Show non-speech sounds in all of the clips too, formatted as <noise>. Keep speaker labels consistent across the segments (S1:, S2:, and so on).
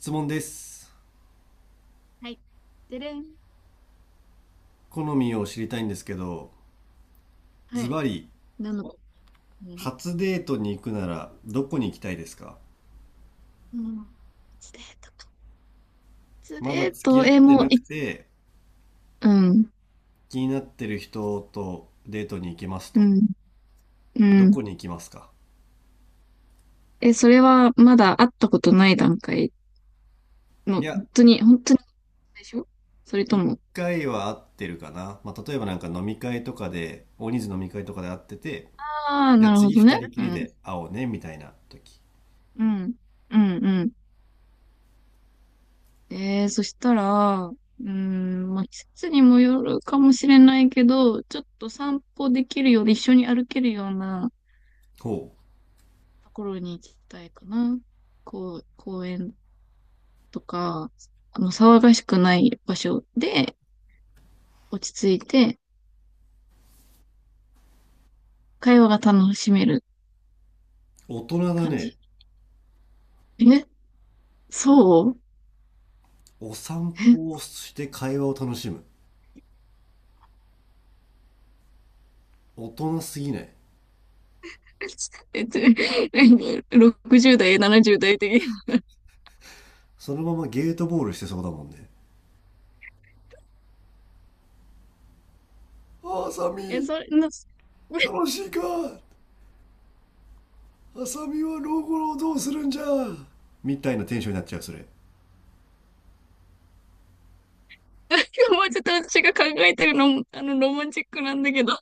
S1: 質問です。
S2: はい。でれん。
S1: 好みを知りたいんですけど、
S2: は
S1: ズ
S2: い。
S1: バリ
S2: なのこうん。
S1: 初デートに行くならどこに行きたいですか？
S2: うん。スレートか。ス
S1: まだ
S2: レー
S1: 付き
S2: ト、
S1: 合っ
S2: え、
S1: て
S2: もう、
S1: なく
S2: い、
S1: て、
S2: うん、
S1: 気になってる人とデートに行きます
S2: う
S1: と、
S2: ん、う
S1: どこ
S2: ん。
S1: に行きますか？
S2: それはまだ会ったことない段階
S1: い
S2: の、
S1: や、
S2: 本当に、本当に最初、それと
S1: 一
S2: も。
S1: 回は会ってるかな。まあ例えば、飲み会とかで、大人数飲み会とかで会ってて、
S2: ああ、
S1: じゃあ
S2: なるほ
S1: 次
S2: どね。
S1: 二人き
S2: う
S1: り
S2: ん、
S1: で会おうねみたいな時。
S2: うん、うん、うん。そしたら、まあ、季節にもよるかもしれないけど、ちょっと散歩できるようで一緒に歩けるような
S1: ほう。
S2: ところに行きたいかな。こう、公園とか、騒がしくない場所で落ち着いて、会話が楽しめる
S1: 大人だ
S2: 感
S1: ね。
S2: じ。え、そう
S1: お散歩をして会話を楽しむ。大人すぎない？
S2: え、<laughs> 60代、70代的。い
S1: そのままゲートボールしてそうだもんね、あさ
S2: や、
S1: み。
S2: それの、
S1: 楽しいか？あさみは老後をどうするんじゃみたいなテンションになっちゃう、それ。
S2: もうちょっと私が考えてるの、ロマンチックなんだけど、も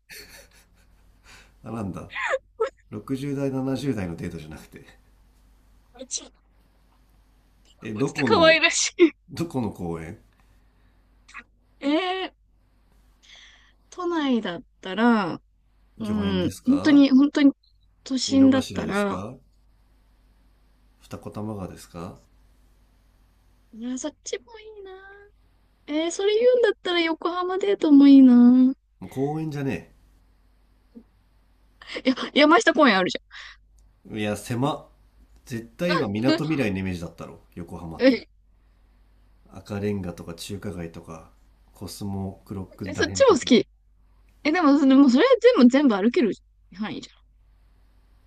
S1: あ、なんだ、60代70代のデートじゃなくて。
S2: うちょっ
S1: え、ど
S2: と
S1: こ
S2: 可
S1: の、
S2: 愛らしい。
S1: どこの公園？
S2: えー都内だったら、う
S1: 御苑で
S2: ん、
S1: す
S2: 本当
S1: か？
S2: に、本当に、都
S1: 井の
S2: 心だっ
S1: 頭
S2: た
S1: です
S2: ら、
S1: か？二子玉川ですか？
S2: 紫もいいな。それ言うんだったら横浜デートもいいな。
S1: もう公園じゃね？
S2: いや、山下公園あるじ
S1: え、いや狭っ。絶対今
S2: ゃ
S1: 港未
S2: ん。
S1: 来のイメージだったろ、横浜って。
S2: <laughs>
S1: 赤レンガとか中華街とか、コスモクロック
S2: そ
S1: ら
S2: っ
S1: へん
S2: ちも
S1: と
S2: 好
S1: か。
S2: き。え、でも、それ、もうそれは全部歩ける範囲じ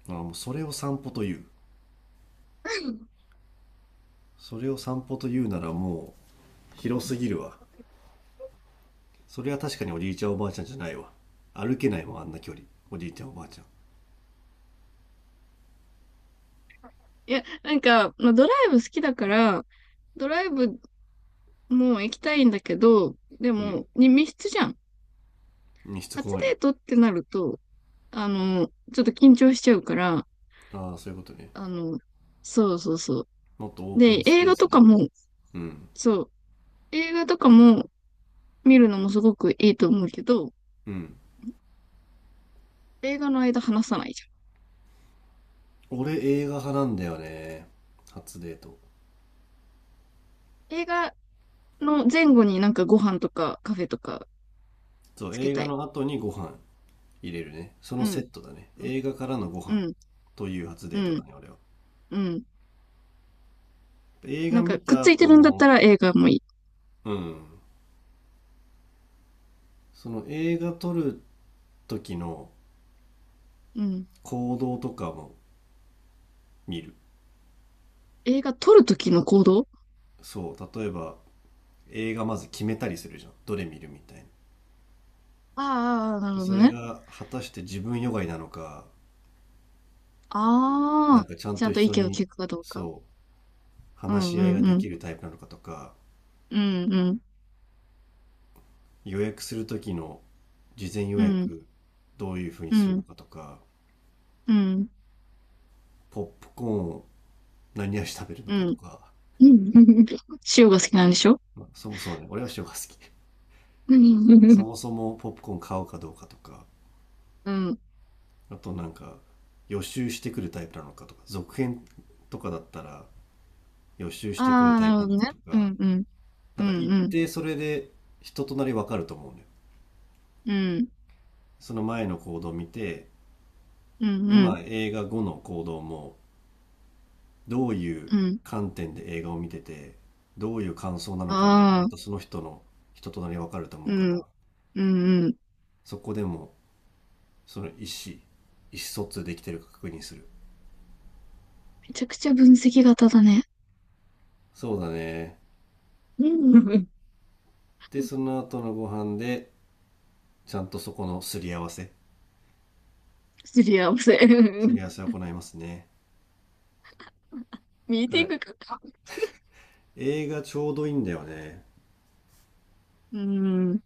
S1: あ、もうそれを散歩という、それを散歩というならもう広すぎるわ。それは確かにおじいちゃんおばあちゃんじゃないわ。歩けないもん、あんな距離。おじいちゃんおばあちゃ
S2: ゃん。いや、なんか、まあ、ドライブ好きだから、ドライブも行きたいんだけど、で
S1: ん、う
S2: も、密室じゃん。
S1: ん、しつ
S2: 初
S1: こ
S2: デ
S1: い
S2: ートってなると、あの、ちょっと緊張しちゃうから、
S1: の。ああ、そういうことね。
S2: あの、そうそうそう。
S1: もっとオープン
S2: で、
S1: ス
S2: 映
S1: ペー
S2: 画と
S1: ス
S2: か
S1: で。
S2: も、
S1: うん。
S2: そう、映画とかも見るのもすごくいいと思うけど、
S1: うん。
S2: 映画の間話さないじ
S1: 俺映画派なんだよね、初デート。
S2: ゃん。映画の前後になんかご飯とかカフェとか
S1: そう、
S2: つけ
S1: 映
S2: た
S1: 画
S2: い。
S1: の後にご飯入れるね。その
S2: う
S1: セ
S2: ん、
S1: ットだね、
S2: う
S1: 映
S2: ん、
S1: 画からのご
S2: う
S1: 飯
S2: ん、
S1: という初
S2: う
S1: デートだ
S2: ん、
S1: ね、俺は。
S2: うん。
S1: 映画
S2: なんか
S1: 見
S2: くっ
S1: た
S2: ついて
S1: 後
S2: るんだっ
S1: の、
S2: たら映画もいい。
S1: うん、その映画撮る時の
S2: うん。
S1: 行動とかも見る。
S2: 映画撮るときの行動。
S1: そう、例えば映画まず決めたりするじゃん、どれ見るみたいな。
S2: ああー、なる
S1: で
S2: ほ
S1: そ
S2: ど
S1: れ
S2: ね。
S1: が果たして自分よがいなのか、
S2: ああ、
S1: ちゃん
S2: ちゃ
S1: と
S2: ん
S1: 一
S2: と意
S1: 緒
S2: 見を
S1: に、
S2: 聞くかどうか。
S1: そう、
S2: う
S1: 話
S2: ん、
S1: し
S2: う
S1: 合いが
S2: ん、
S1: で
S2: うん。
S1: きるタイプなのかとか、
S2: うん、うん、
S1: 予約する時の事前予
S2: うん、
S1: 約どういうふうに
S2: う
S1: するの
S2: ん、
S1: かとか、
S2: うん、
S1: ポップコーンを何味食べるの
S2: う
S1: かと
S2: ん。
S1: か。
S2: うん、 <laughs> 塩が好きなんでしょ。
S1: まあ、そもそもね、俺は塩が好き。
S2: う
S1: そ
S2: ん。
S1: もそもポップコーン買うかどうかとか、
S2: うん。
S1: あと予習してくるタイプなのかとか、続編とかだったら予習し
S2: あ
S1: てくる
S2: あ、
S1: タ
S2: な
S1: イプ
S2: る
S1: な
S2: ほ
S1: の
S2: ど
S1: か
S2: ね。
S1: と
S2: う
S1: か、
S2: ん、うん、うん、
S1: 一
S2: うん、
S1: 定それで人となりわかると思うのよ。
S2: うん、
S1: その前の行動を見て、
S2: うん、
S1: で、
S2: う
S1: ま
S2: ん、
S1: あ映画後の行動も、どういう
S2: うん。
S1: 観点で映画を見てて、どういう感想なのかで、ま
S2: あ
S1: た
S2: あ、
S1: その人の人となりわかると思う
S2: う
S1: か
S2: ん、
S1: ら、
S2: うん、うん。
S1: そこでもその意思、意思疎通できてるか確認する。
S2: めちゃくちゃ分析型だね。
S1: そうだね。
S2: うん。
S1: で、
S2: <laughs>
S1: その後のご飯で、ちゃんとそこのすり合わせ、
S2: すり合わせ。
S1: すり
S2: <laughs>
S1: 合わせを行いますね。
S2: ミー
S1: だ
S2: テ
S1: か
S2: ィン
S1: ら
S2: グか。
S1: 映画ちょうどいいんだよね。
S2: うん。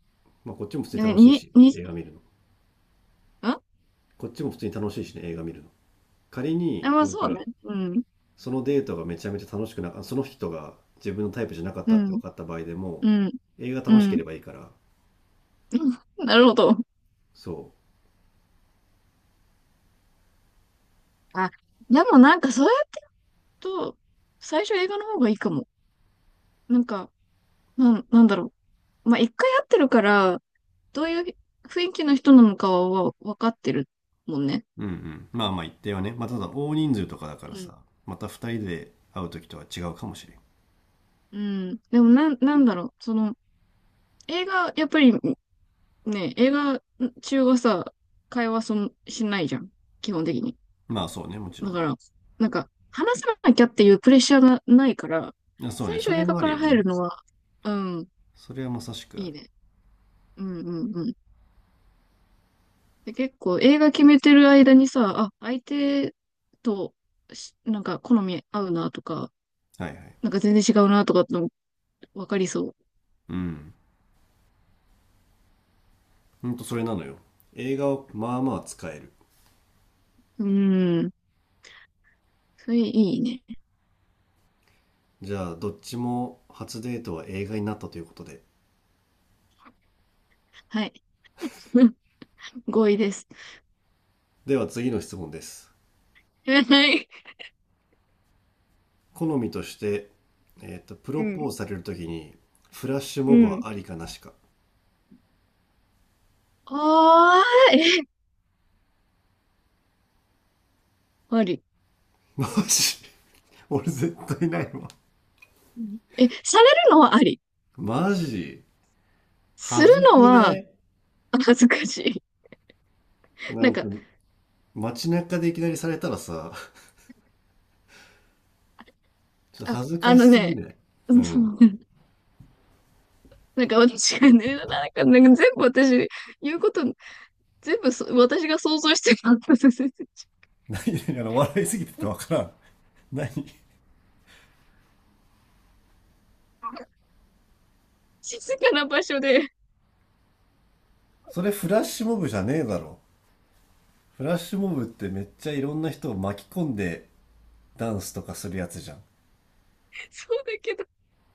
S1: まあ、こっちも普通に
S2: ね、
S1: 楽しい
S2: に、
S1: し、
S2: に、ん
S1: 映画見るの。
S2: あ、
S1: こっちも普通に楽しいしね、映画見るの。仮に、
S2: まあそうね。うん。
S1: そのデートがめちゃめちゃ楽しくなか、その人が自分のタイプじゃなかっ
S2: う
S1: たって分
S2: ん。
S1: かった場合でも、
S2: うん。
S1: 映画
S2: う
S1: 楽しけれ
S2: ん。
S1: ばいいから、
S2: うん、なるほど。
S1: そ
S2: あ、でもなんかそうやると、最初映画の方がいいかも。なんか、なんだろう。まあ一回会ってるから、どういう雰囲気の人なのかは分かってるもんね。
S1: う。うん、うん。まあまあ一定はね。まあただ大人数とかだから
S2: うん。
S1: さ、また二人で会う時とは違うかもしれん。
S2: うん。でもなんだろう。その、映画、やっぱりねえ、映画中はさ、会話そんしないじゃん。基本的に。
S1: まあそうね、もち
S2: だ
S1: ろ
S2: から、なんか、話さなきゃっていうプレッシャーがないから、
S1: ん。あ、そう
S2: 最
S1: ね、
S2: 初
S1: それ
S2: 映画
S1: もあ
S2: か
S1: る
S2: ら
S1: よ
S2: 入
S1: ね。
S2: るのは、うん、
S1: それはまさしくあ
S2: いい
S1: る。
S2: ね。うんうんうん。で、結構映画決めてる間にさ、あ、相手とし、なんか好み合うなとか、
S1: はいはい。
S2: なんか全然違うなとかっての分かりそ
S1: うん。ほんとそれなのよ。映画をまあまあ使える。
S2: う。うん。それいいね。
S1: じゃあどっちも初デートは映画になったということで。
S2: はい。<laughs> 合意です。
S1: では次の質問です。
S2: <laughs> はい。
S1: 好みとして、プ
S2: う
S1: ロポ
S2: ん。
S1: ーズされるときに、フラッシュ
S2: う
S1: モブ
S2: ん。
S1: はありかなしか？
S2: あ、いえ、あり。
S1: マジ？俺絶対ないわ。
S2: うん。え、されるのはあり。
S1: マジ？
S2: する
S1: 恥ず
S2: の
S1: く
S2: は
S1: ない？
S2: 恥ずかしい。<laughs>
S1: な
S2: なん
S1: んか
S2: か、
S1: 街中でいきなりされたらさ、ちょっと
S2: あ、
S1: 恥ず
S2: あ
S1: か
S2: の
S1: しすぎ
S2: ね、
S1: ない？
S2: <laughs> う
S1: う
S2: ん、そ
S1: ん。
S2: う。なんか私がね、なんか、なんか全部私、言うこと、全部私が想像してた。
S1: 何々、あの笑いすぎててわからん。何？
S2: <laughs> 静かな場所で、
S1: それフラッシュモブじゃねえだろ。フラッシュモブって、めっちゃいろんな人を巻き込んでダンスとかするやつじゃん。
S2: そうだけど、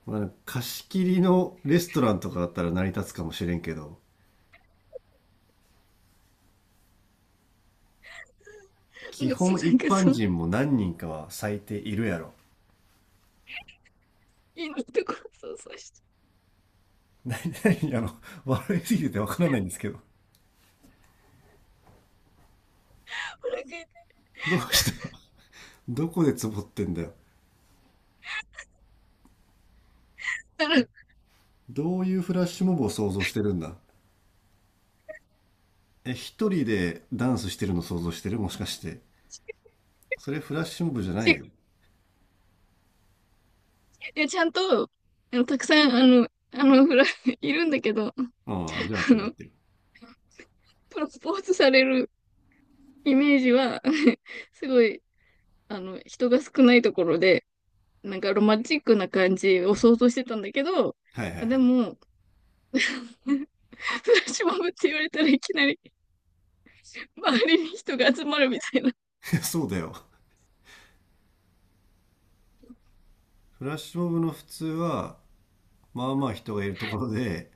S1: まあ、貸し切りのレストランとかだったら成り立つかもしれんけど、基
S2: うん、そう。
S1: 本
S2: な
S1: 一
S2: んか
S1: 般
S2: その、
S1: 人も何人かは最低いるやろ。
S2: いいところ想像して、
S1: 何、何、あの、笑いすぎててわからないんですけど。
S2: お腹痛い。
S1: どうした？どこでツボってんだよ。
S2: たら、
S1: どういうフラッシュモブを想像してるんだ？え、一人でダンスしてるの想像してる、もしかして。それフラッシュモブじゃない
S2: ち、
S1: よ。
S2: いや、ちゃんと、たくさん、いるんだけど、あ
S1: うん、じゃあ合ってる合っ
S2: の、
S1: てる。
S2: プロポーズされるイメージは、<laughs> すごい、人が少ないところで、なんかロマンチックな感じを想像してたんだけど、
S1: はいはいは
S2: あ、で
S1: い。
S2: も、<laughs> フラッシュモブって言われたらいきなり周りに人が集まるみたいな。
S1: <laughs> そうだよ。フラッシュモブの普通は、まあまあ人がいるところで、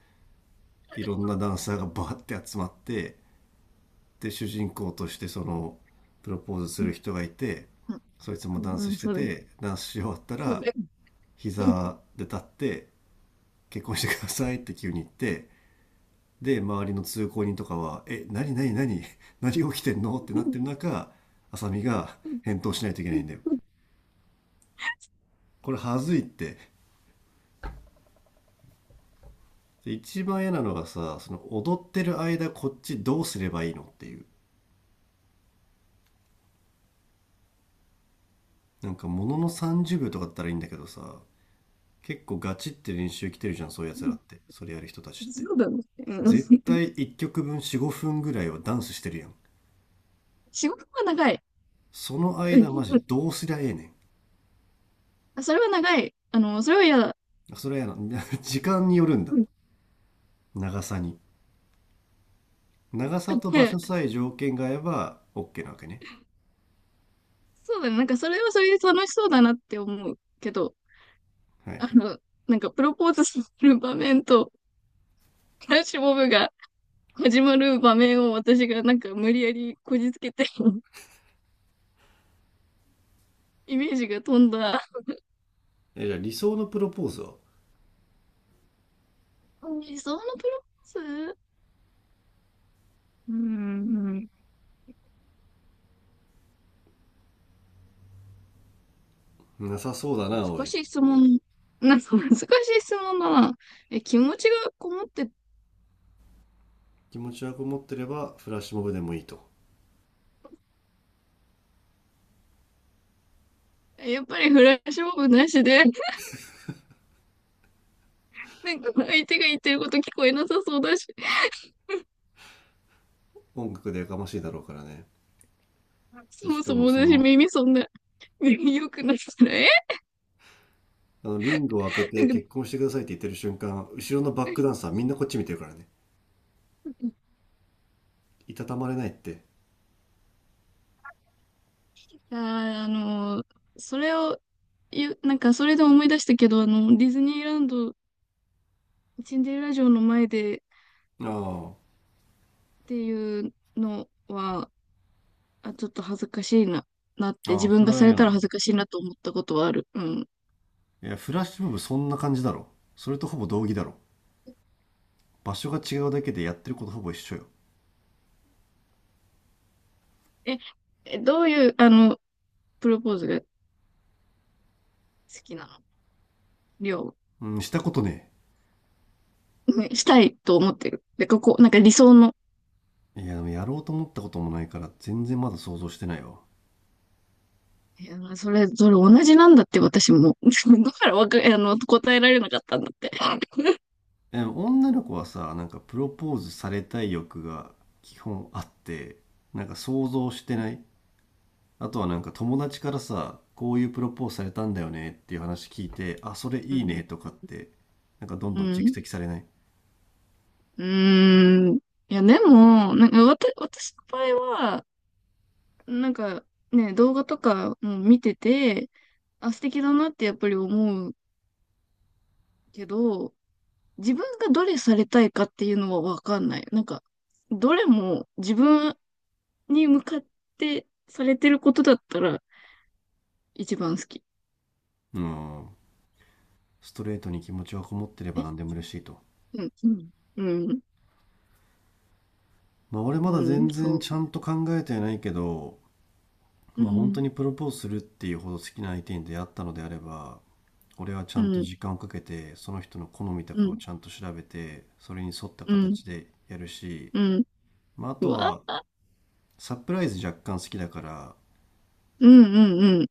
S1: いろんなダンサーがバーって集まって、で主人公としてそのプロポーズする人がいて、そいつも
S2: う
S1: ダン
S2: ん、
S1: ス
S2: うん、
S1: して
S2: そうだね。
S1: て、ダンスし終わった
S2: そう
S1: ら
S2: だね。
S1: 膝で立って「結婚してください」って急に言って、で周りの通行人とかは「え何何何、何起きてんの？」ってなってる
S2: <laughs>
S1: 中、浅見が
S2: そ
S1: 返答しないといけないんだよ。これはずいって。で一番嫌なのがさ、その踊ってる間こっちどうすればいいのっていう。ものの30秒とかだったらいいんだけどさ、結構ガチって練習来てるじゃん、そういうやつらって。それやる人たちって。
S2: うだね。う
S1: 絶
S2: ん。
S1: 対1曲分4、5分ぐらいはダンスしてるやん。
S2: 仕事は長い。
S1: その
S2: う
S1: 間マジ
S2: ん、
S1: どうすりゃええね
S2: それは長い。それは嫌だ。
S1: ん。それはやな <laughs>。時間によるん
S2: う
S1: だ、
S2: ん、
S1: 長さに。長さと場所さえ条件が合えば OK なわけね。
S2: そうだね。なんかそれはそれで楽しそうだなって思うけど、
S1: はいは
S2: あ
S1: い。
S2: の、なんかプロポーズする場面と、フラッシュモブが始まる場面を私がなんか無理やりこじつけて、 <laughs> イメージが飛んだ。
S1: え、じゃあ理想のプロポーズは、
S2: 理想のプロポーズ、うーん、
S1: なさそうだな、お
S2: 難
S1: い。
S2: しい質問。なんか難しい質問だな。気持ちがこもって、
S1: 気持ちはこもってればフラッシュモブでもいいと。
S2: やっぱりフラッシュモブなしで、なんか相手が言ってること聞こえなさそうだし、
S1: 音楽でやかましいだろうからね。で、
S2: そ
S1: し
S2: も
S1: か
S2: そも
S1: もそ
S2: 私
S1: の、
S2: 耳そんな、<laughs> 良くなったら、え、
S1: あの、リングを開け
S2: な
S1: て
S2: んか、
S1: 結婚してくださいって言ってる瞬間、後ろのバックダンサーみんなこっち見てるからね。いたたまれないって。
S2: あー、あのそれを言う、なんかそれで思い出したけど、ディズニーランド、シンデレラ城の前でっ
S1: あ
S2: ていうのは、あ、ちょっと恥ずかしいな、なっ
S1: あ、
S2: て、
S1: あ
S2: 自
S1: あ、
S2: 分
S1: そ
S2: が
S1: れは
S2: され
S1: 嫌
S2: た
S1: な
S2: ら
S1: ん
S2: 恥
S1: だ。
S2: ずかしいなと思ったことはある。うん。
S1: いや、フラッシュモブそんな感じだろ。それとほぼ同義だろ。場所が違うだけでやってることほぼ一緒よ。
S2: え、どういう、プロポーズが好きなの。りょ
S1: うん、したことね
S2: う、ねしたいと思ってる。で、ここ、なんか理想の。
S1: え。いや、でもやろうと思ったこともないから、全然まだ想像してないわ。
S2: いや、それ、それ同じなんだって、私も。<laughs> だからわか、答えられなかったんだって。<laughs>
S1: え、女の子はさ、プロポーズされたい欲が基本あって、想像してない？あとは友達からさ、こういうプロポーズされたんだよねっていう話聞いて、あそれ
S2: う
S1: いいね
S2: ん。
S1: とかって、どん
S2: う
S1: どん蓄
S2: ん。
S1: 積されない？
S2: うん。いや、でも、なんか、私の場合は、なんかね、動画とかも見てて、あ、素敵だなってやっぱり思うけど、自分がどれされたいかっていうのはわかんない。なんか、どれも自分に向かってされてることだったら一番好き。
S1: うん、ストレートに気持ちはこもってれ
S2: え、
S1: ば何でも嬉しいと。
S2: うん、うん、うん、
S1: まあ俺ま
S2: う
S1: だ
S2: ん、
S1: 全
S2: そ
S1: 然
S2: う。
S1: ちゃんと考えてないけど、
S2: う
S1: まあ本当
S2: ん、
S1: にプロポーズするっていうほど好きな相手に出会ったのであれば、俺はちゃ
S2: う
S1: んと
S2: ん、
S1: 時間をかけてその人の好みと
S2: う
S1: かを
S2: ん、
S1: ちゃんと調べて、それに沿った
S2: うん、
S1: 形でやるし、
S2: うん、
S1: まあ、あ
S2: う
S1: と
S2: わ
S1: は
S2: あ、
S1: サプライズ若干好きだから、
S2: うん、うん、うん。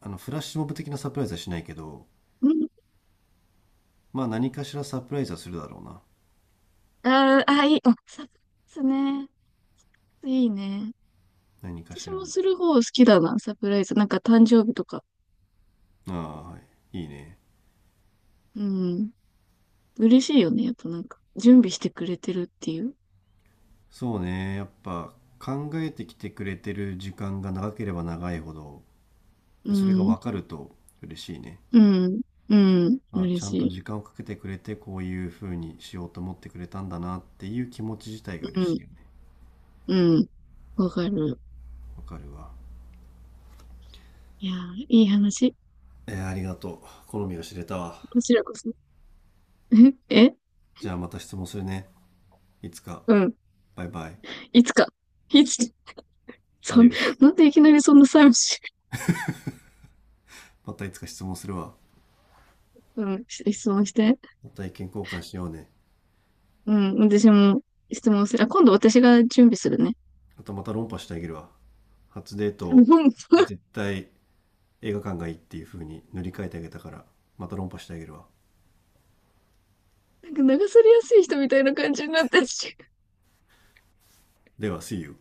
S1: あのフラッシュモブ的なサプライズはしないけど、
S2: うん、
S1: まあ何かしらサプライズはするだろうな、
S2: あー、あ、いい、あ、サプライズね。いいね。
S1: 何かし
S2: 私
S1: ら
S2: も
S1: の。
S2: する方好きだな、サプライズ。なんか誕生日とか。
S1: ああ、はい、いいね。
S2: うん。嬉しいよね。やっぱなんか、準備してくれてるっていう。
S1: そうね、やっぱ考えてきてくれてる時間が長ければ長いほど、
S2: う
S1: でそれが
S2: ん。
S1: 分かると嬉しいね。
S2: うん。うん。
S1: まあ
S2: 嬉
S1: ちゃんと
S2: しい。
S1: 時間をかけてくれて、こういう風にしようと思ってくれたんだなっていう気持ち自体が
S2: う
S1: 嬉し
S2: ん。
S1: いよね。
S2: うん。わかる。
S1: わかるわ。
S2: いやー、いい話。
S1: えー、ありがとう、好みが知れたわ。
S2: こちらこそ。<laughs> え、え、
S1: じゃあまた質問するね、いつか。
S2: うん。
S1: バイバイ。
S2: いつか。いつか。
S1: ア
S2: さ
S1: デ
S2: ん、
S1: ィオス。
S2: なんでいきなりそんな寂しい。
S1: またいつか質問するわ。
S2: うん。し、質問して。
S1: また意見交換しようね。
S2: うん。私も質問する。あ、今度私が準備するね。
S1: あとまた論破してあげるわ。初デー
S2: <laughs> もう、
S1: ト、
S2: なん
S1: 絶対映画館がいいっていう風に塗り替えてあげたから、また論破してあげるわ。
S2: か流されやすい人みたいな感じになってる。
S1: では、See you.